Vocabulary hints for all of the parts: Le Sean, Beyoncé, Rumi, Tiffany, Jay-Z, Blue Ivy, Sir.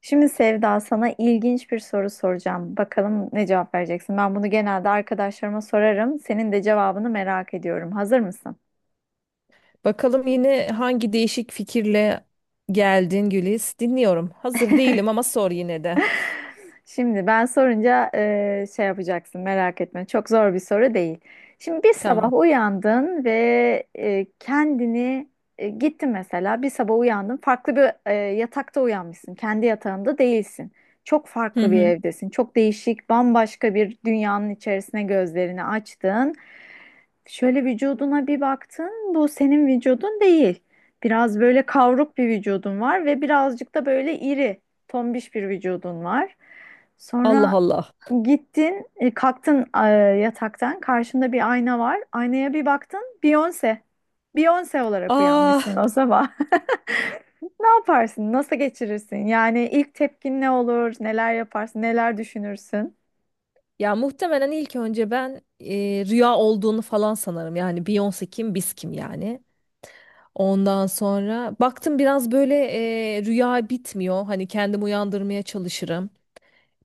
Şimdi Sevda sana ilginç bir soru soracağım. Bakalım ne cevap vereceksin? Ben bunu genelde arkadaşlarıma sorarım. Senin de cevabını merak ediyorum. Hazır mısın? Bakalım yine hangi değişik fikirle geldin Güliz. Dinliyorum. Hazır değilim ama sor yine de. Şimdi ben sorunca şey yapacaksın, merak etme. Çok zor bir soru değil. Şimdi bir sabah Tamam. uyandın ve e, kendini e, gittin mesela bir sabah uyandın, farklı bir yatakta uyanmışsın. Kendi yatağında değilsin. Çok Hı farklı bir hı. evdesin. Çok değişik, bambaşka bir dünyanın içerisine gözlerini açtın. Şöyle vücuduna bir baktın. Bu senin vücudun değil. Biraz böyle kavruk bir vücudun var ve birazcık da böyle iri, tombiş bir vücudun var. Allah Sonra Allah. gittin, kalktın yataktan. Karşında bir ayna var. Aynaya bir baktın, Beyoncé. Beyoncé olarak uyanmışsın Ah o sabah. Ne yaparsın? Nasıl geçirirsin? Yani ilk tepkin ne olur? Neler yaparsın? Neler düşünürsün? ya, muhtemelen ilk önce ben rüya olduğunu falan sanırım. Yani Beyoncé kim, biz kim yani. Ondan sonra baktım biraz böyle rüya bitmiyor. Hani kendimi uyandırmaya çalışırım.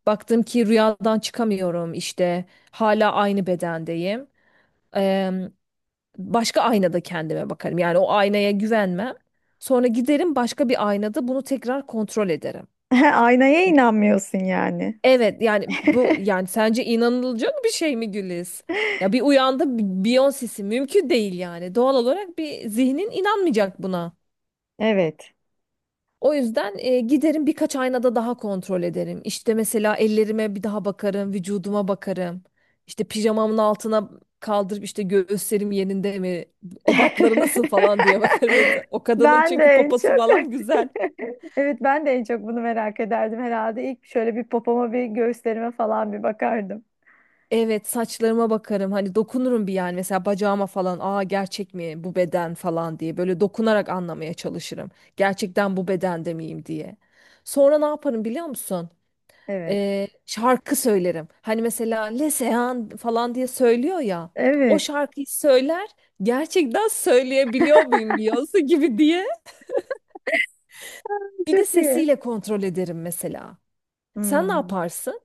Baktım ki rüyadan çıkamıyorum işte. Hala aynı bedendeyim. Başka aynada kendime bakarım. Yani o aynaya güvenmem. Sonra giderim, başka bir aynada bunu tekrar kontrol ederim. Aynaya inanmıyorsun yani. Evet, yani bu, yani sence inanılacak bir şey mi Güliz? Ya bir uyandı Beyoncé'si mümkün değil yani. Doğal olarak bir zihnin inanmayacak buna. Evet. O yüzden giderim birkaç aynada daha kontrol ederim. İşte mesela ellerime bir daha bakarım, vücuduma bakarım. İşte pijamamın altına kaldırıp işte göğüslerim yerinde mi, ebatları nasıl falan diye bakarım mesela. O kadının Ben de çünkü en poposu çok falan güzel. evet, ben de en çok bunu merak ederdim herhalde. İlk şöyle bir popoma, bir göğüslerime falan bir bakardım. Evet, saçlarıma bakarım. Hani dokunurum bir, yani mesela bacağıma falan. Aa, gerçek mi bu beden falan diye böyle dokunarak anlamaya çalışırım. Gerçekten bu bedende miyim diye. Sonra ne yaparım biliyor musun? Evet. Şarkı söylerim. Hani mesela Le Sean falan diye söylüyor ya. O Evet. şarkıyı söyler, gerçekten söyleyebiliyor muyum Beyoncé gibi diye. Bir de Çok iyi. sesiyle kontrol ederim mesela. Sen ne Hmm. yaparsın?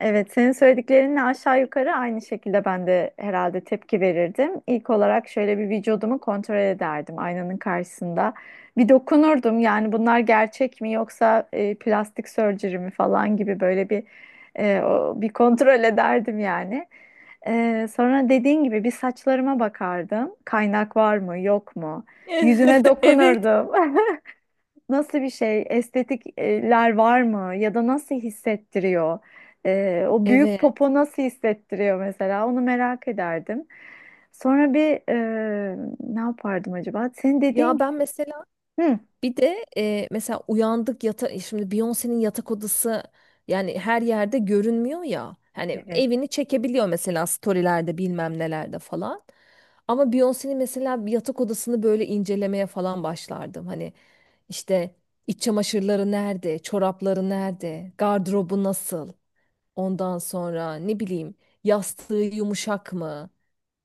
Evet, senin söylediklerinle aşağı yukarı aynı şekilde ben de herhalde tepki verirdim. İlk olarak şöyle bir vücudumu kontrol ederdim aynanın karşısında. Bir dokunurdum yani, bunlar gerçek mi yoksa plastik surgery mi falan gibi böyle bir bir kontrol ederdim yani. E, sonra dediğin gibi bir saçlarıma bakardım. Kaynak var mı yok mu? Yüzüme Evet. dokunurdum. Nasıl bir şey? Estetikler var mı? Ya da nasıl hissettiriyor? O büyük Evet. popo nasıl hissettiriyor mesela? Onu merak ederdim. Sonra bir, ne yapardım acaba? Senin Ya dediğin. ben mesela. Hı, Bir de mesela uyandık şimdi, Beyoncé'nin yatak odası yani her yerde görünmüyor ya. Hani evet. evini çekebiliyor mesela storylerde bilmem nelerde falan. Ama Beyoncé'nin mesela bir yatak odasını böyle incelemeye falan başlardım. Hani işte iç çamaşırları nerede, çorapları nerede, gardırobu nasıl? Ondan sonra ne bileyim, yastığı yumuşak mı?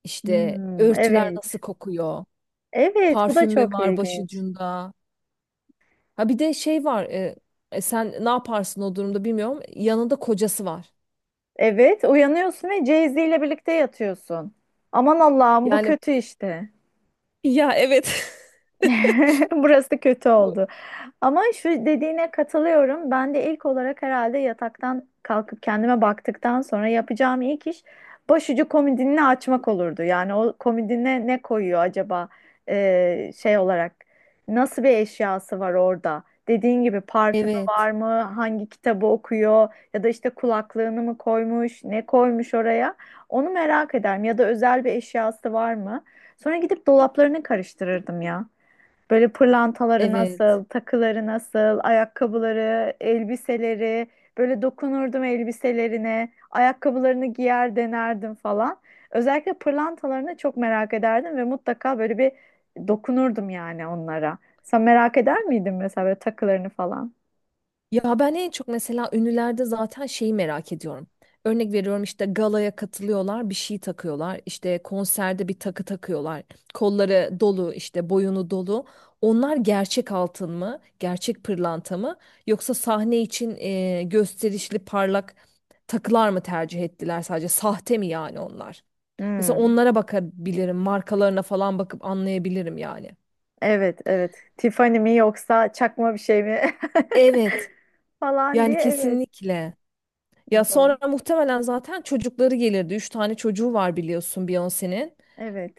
İşte Hmm, örtüler evet. nasıl kokuyor? Evet, bu da Parfüm mü çok var ilginç. başucunda? Ha, bir de şey var. Sen ne yaparsın o durumda bilmiyorum. Yanında kocası var. Evet, uyanıyorsun ve Jay-Z ile birlikte yatıyorsun. Aman Allah'ım, bu Yani, kötü işte. ya evet. Burası kötü Bu- oldu. Ama şu dediğine katılıyorum. Ben de ilk olarak herhalde yataktan kalkıp kendime baktıktan sonra yapacağım ilk iş başucu komodinini açmak olurdu. Yani o komodine ne koyuyor acaba? Şey olarak nasıl bir eşyası var orada? Dediğin gibi parfümü var Evet. mı? Hangi kitabı okuyor? Ya da işte kulaklığını mı koymuş? Ne koymuş oraya? Onu merak ederim. Ya da özel bir eşyası var mı? Sonra gidip dolaplarını karıştırırdım ya. Böyle pırlantaları Evet. nasıl, takıları nasıl, ayakkabıları, elbiseleri. Böyle dokunurdum elbiselerine, ayakkabılarını giyer denerdim falan. Özellikle pırlantalarını çok merak ederdim ve mutlaka böyle bir dokunurdum yani onlara. Sen merak eder miydin mesela böyle takılarını falan? Ya ben en çok mesela ünlülerde zaten şeyi merak ediyorum. Örnek veriyorum, işte galaya katılıyorlar, bir şey takıyorlar. İşte konserde bir takı takıyorlar. Kolları dolu, işte boyunu dolu. Onlar gerçek altın mı, gerçek pırlanta mı, yoksa sahne için gösterişli, parlak takılar mı tercih ettiler, sadece sahte mi yani onlar? Mesela Hmm. onlara bakabilirim, markalarına falan bakıp anlayabilirim yani. Evet, evet. Tiffany mi yoksa çakma bir şey mi Evet, falan yani diye, evet. kesinlikle. Ya Doğru. sonra muhtemelen zaten çocukları gelirdi. Üç tane çocuğu var biliyorsun Beyoncé'nin. Evet.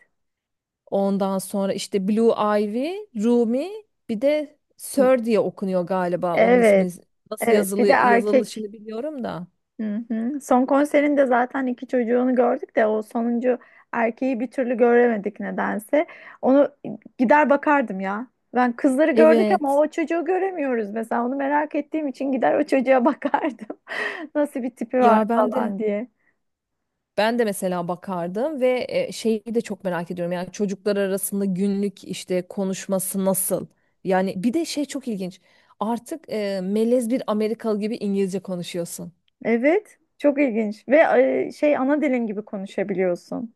Ondan sonra işte Blue Ivy, Rumi, bir de Sir diye okunuyor galiba. Onun Evet. ismi nasıl Evet. yazılı, Bir de erkek. yazılışını biliyorum da. Hı hı. Son konserinde zaten iki çocuğunu gördük de o sonuncu erkeği bir türlü göremedik nedense. Onu gider bakardım ya. Ben kızları gördük ama Evet. o çocuğu göremiyoruz mesela. Onu merak ettiğim için gider o çocuğa bakardım. Nasıl bir tipi var Ya ben de, falan diye. ben de mesela bakardım ve şeyi de çok merak ediyorum. Yani çocuklar arasında günlük işte konuşması nasıl? Yani bir de şey çok ilginç. Artık melez bir Amerikalı gibi İngilizce konuşuyorsun. Evet, çok ilginç ve şey, ana dilin gibi konuşabiliyorsun.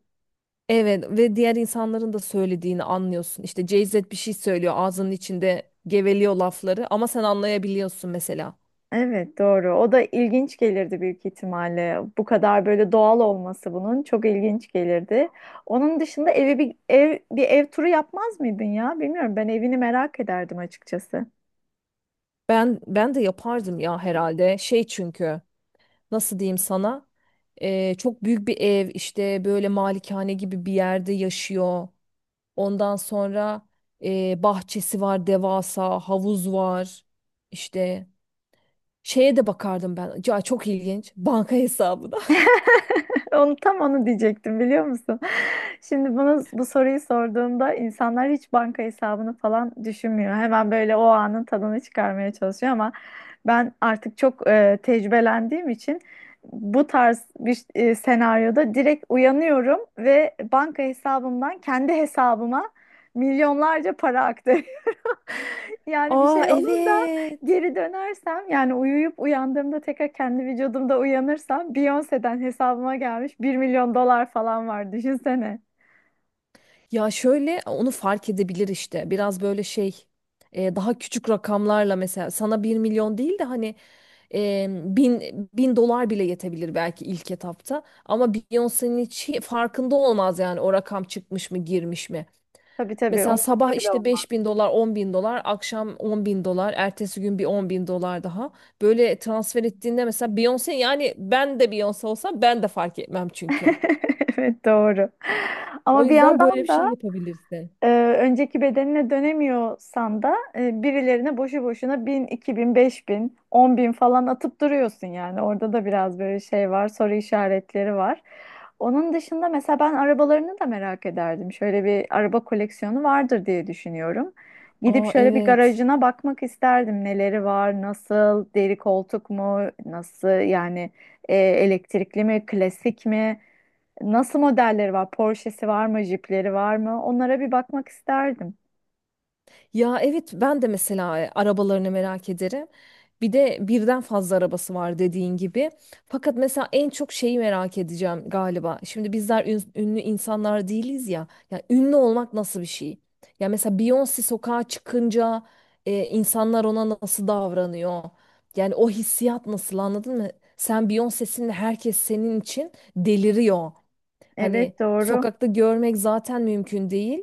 Evet ve diğer insanların da söylediğini anlıyorsun. İşte Jay-Z bir şey söylüyor, ağzının içinde geveliyor lafları, ama sen anlayabiliyorsun mesela. Evet, doğru. O da ilginç gelirdi büyük ihtimalle. Bu kadar böyle doğal olması bunun çok ilginç gelirdi. Onun dışında evi bir ev turu yapmaz mıydın ya? Bilmiyorum. Ben evini merak ederdim açıkçası. Ben, ben de yapardım ya herhalde. Şey, çünkü nasıl diyeyim sana? Çok büyük bir ev, işte böyle malikane gibi bir yerde yaşıyor. Ondan sonra bahçesi var, devasa havuz var. İşte şeye de bakardım ben. Ya çok ilginç, banka hesabına. Onu diyecektim biliyor musun? Şimdi bu soruyu sorduğumda insanlar hiç banka hesabını falan düşünmüyor. Hemen böyle o anın tadını çıkarmaya çalışıyor ama ben artık çok tecrübelendiğim için bu tarz bir senaryoda direkt uyanıyorum ve banka hesabımdan kendi hesabıma milyonlarca para aktı. Yani bir Aa, şey olur da evet. geri dönersem, yani uyuyup uyandığımda tekrar kendi vücudumda uyanırsam, Beyoncé'den hesabıma gelmiş 1.000.000 dolar falan var, düşünsene. Ya şöyle onu fark edebilir işte. Biraz böyle şey, daha küçük rakamlarla mesela, sana bir milyon değil de hani e, bin, bin dolar bile yetebilir belki ilk etapta. Ama Beyoncé'nin hiç farkında olmaz yani o rakam çıkmış mı girmiş mi. Tabii tabii, Mesela sabah umurumda bile işte olmaz. beş bin dolar 10.000 dolar, akşam 10.000 dolar, ertesi gün bir 10.000 dolar daha. Böyle transfer ettiğinde mesela Beyoncé, yani ben de Beyoncé olsam ben de fark etmem çünkü. Evet, doğru. O Ama bir yüzden böyle bir yandan şey da yapabilirsin. e, önceki bedenine dönemiyorsan da, birilerine boşu boşuna 1000, 2000, 5000, 10.000 falan atıp duruyorsun yani. Orada da biraz böyle şey var, soru işaretleri var. Onun dışında mesela ben arabalarını da merak ederdim. Şöyle bir araba koleksiyonu vardır diye düşünüyorum. Gidip Aa, şöyle bir evet. garajına bakmak isterdim. Neleri var, nasıl, deri koltuk mu, nasıl yani, elektrikli mi, klasik mi? Nasıl modelleri var? Porsche'si var mı? Jeep'leri var mı? Onlara bir bakmak isterdim. Ya evet, ben de mesela arabalarını merak ederim. Bir de birden fazla arabası var dediğin gibi. Fakat mesela en çok şeyi merak edeceğim galiba. Şimdi bizler ünlü insanlar değiliz ya. Ya ünlü olmak nasıl bir şey? Ya mesela Beyoncé sokağa çıkınca insanlar ona nasıl davranıyor? Yani o hissiyat nasıl, anladın mı? Sen Beyoncé'sin ve herkes senin için deliriyor. Hani Evet, doğru. sokakta görmek zaten mümkün değil.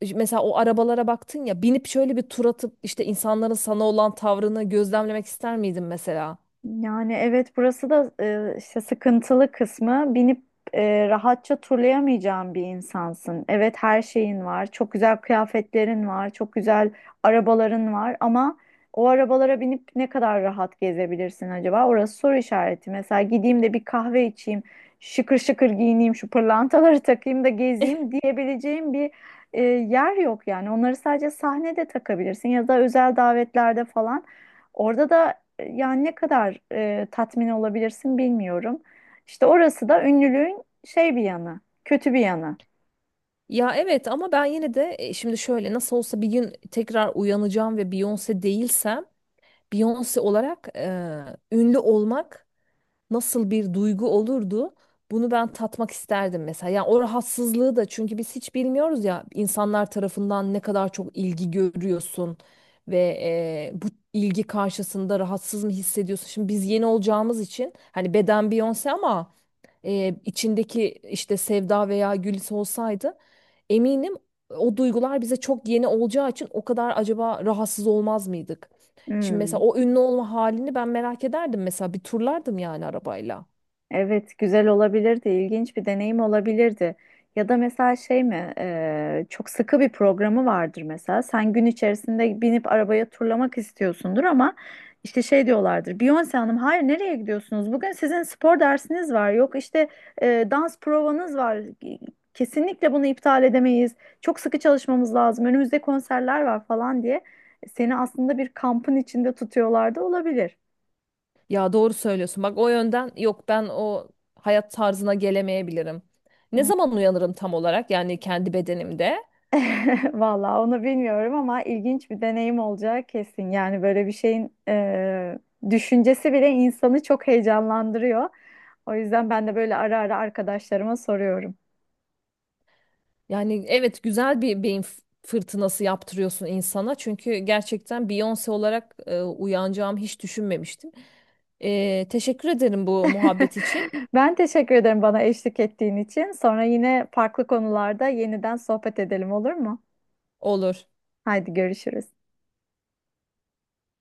İşte mesela o arabalara baktın ya, binip şöyle bir tur atıp işte insanların sana olan tavrını gözlemlemek ister miydin mesela? Yani evet, burası da işte sıkıntılı kısmı, binip rahatça turlayamayacağın bir insansın. Evet, her şeyin var, çok güzel kıyafetlerin var, çok güzel arabaların var ama o arabalara binip ne kadar rahat gezebilirsin acaba? Orası soru işareti. Mesela gideyim de bir kahve içeyim, şıkır şıkır giyineyim, şu pırlantaları takayım da gezeyim diyebileceğim bir yer yok yani. Onları sadece sahnede takabilirsin ya da özel davetlerde falan. Orada da yani ne kadar tatmin olabilirsin bilmiyorum. İşte orası da ünlülüğün şey bir yanı, kötü bir yanı. Ya evet, ama ben yine de, şimdi şöyle, nasıl olsa bir gün tekrar uyanacağım ve Beyoncé değilsem, Beyoncé olarak ünlü olmak nasıl bir duygu olurdu? Bunu ben tatmak isterdim mesela. Yani o rahatsızlığı da, çünkü biz hiç bilmiyoruz ya, insanlar tarafından ne kadar çok ilgi görüyorsun ve bu ilgi karşısında rahatsız mı hissediyorsun? Şimdi biz yeni olacağımız için, hani beden Beyoncé, ama içindeki işte Sevda veya Gülis olsaydı, eminim o duygular bize çok yeni olacağı için, o kadar acaba rahatsız olmaz mıydık? Şimdi Hmm. mesela o ünlü olma halini ben merak ederdim mesela, bir turlardım yani arabayla. Evet, güzel olabilirdi, ilginç bir deneyim olabilirdi. Ya da mesela şey mi, çok sıkı bir programı vardır mesela. Sen gün içerisinde binip arabaya turlamak istiyorsundur ama işte şey diyorlardır. Beyoncé Hanım, hayır nereye gidiyorsunuz? Bugün sizin spor dersiniz var. Yok işte, dans provanız var. Kesinlikle bunu iptal edemeyiz. Çok sıkı çalışmamız lazım. Önümüzde konserler var falan diye seni aslında bir kampın içinde tutuyorlar da olabilir. Ya doğru söylüyorsun. Bak, o yönden yok, ben o hayat tarzına gelemeyebilirim. Ne zaman uyanırım tam olarak yani kendi bedenimde? Vallahi onu bilmiyorum ama ilginç bir deneyim olacağı kesin. Yani böyle bir şeyin düşüncesi bile insanı çok heyecanlandırıyor. O yüzden ben de böyle ara ara arkadaşlarıma soruyorum. Yani evet, güzel bir beyin fırtınası yaptırıyorsun insana. Çünkü gerçekten Beyoncé olarak uyanacağımı hiç düşünmemiştim. Teşekkür ederim bu muhabbet için. Ben teşekkür ederim bana eşlik ettiğin için. Sonra yine farklı konularda yeniden sohbet edelim, olur mu? Olur. Haydi görüşürüz.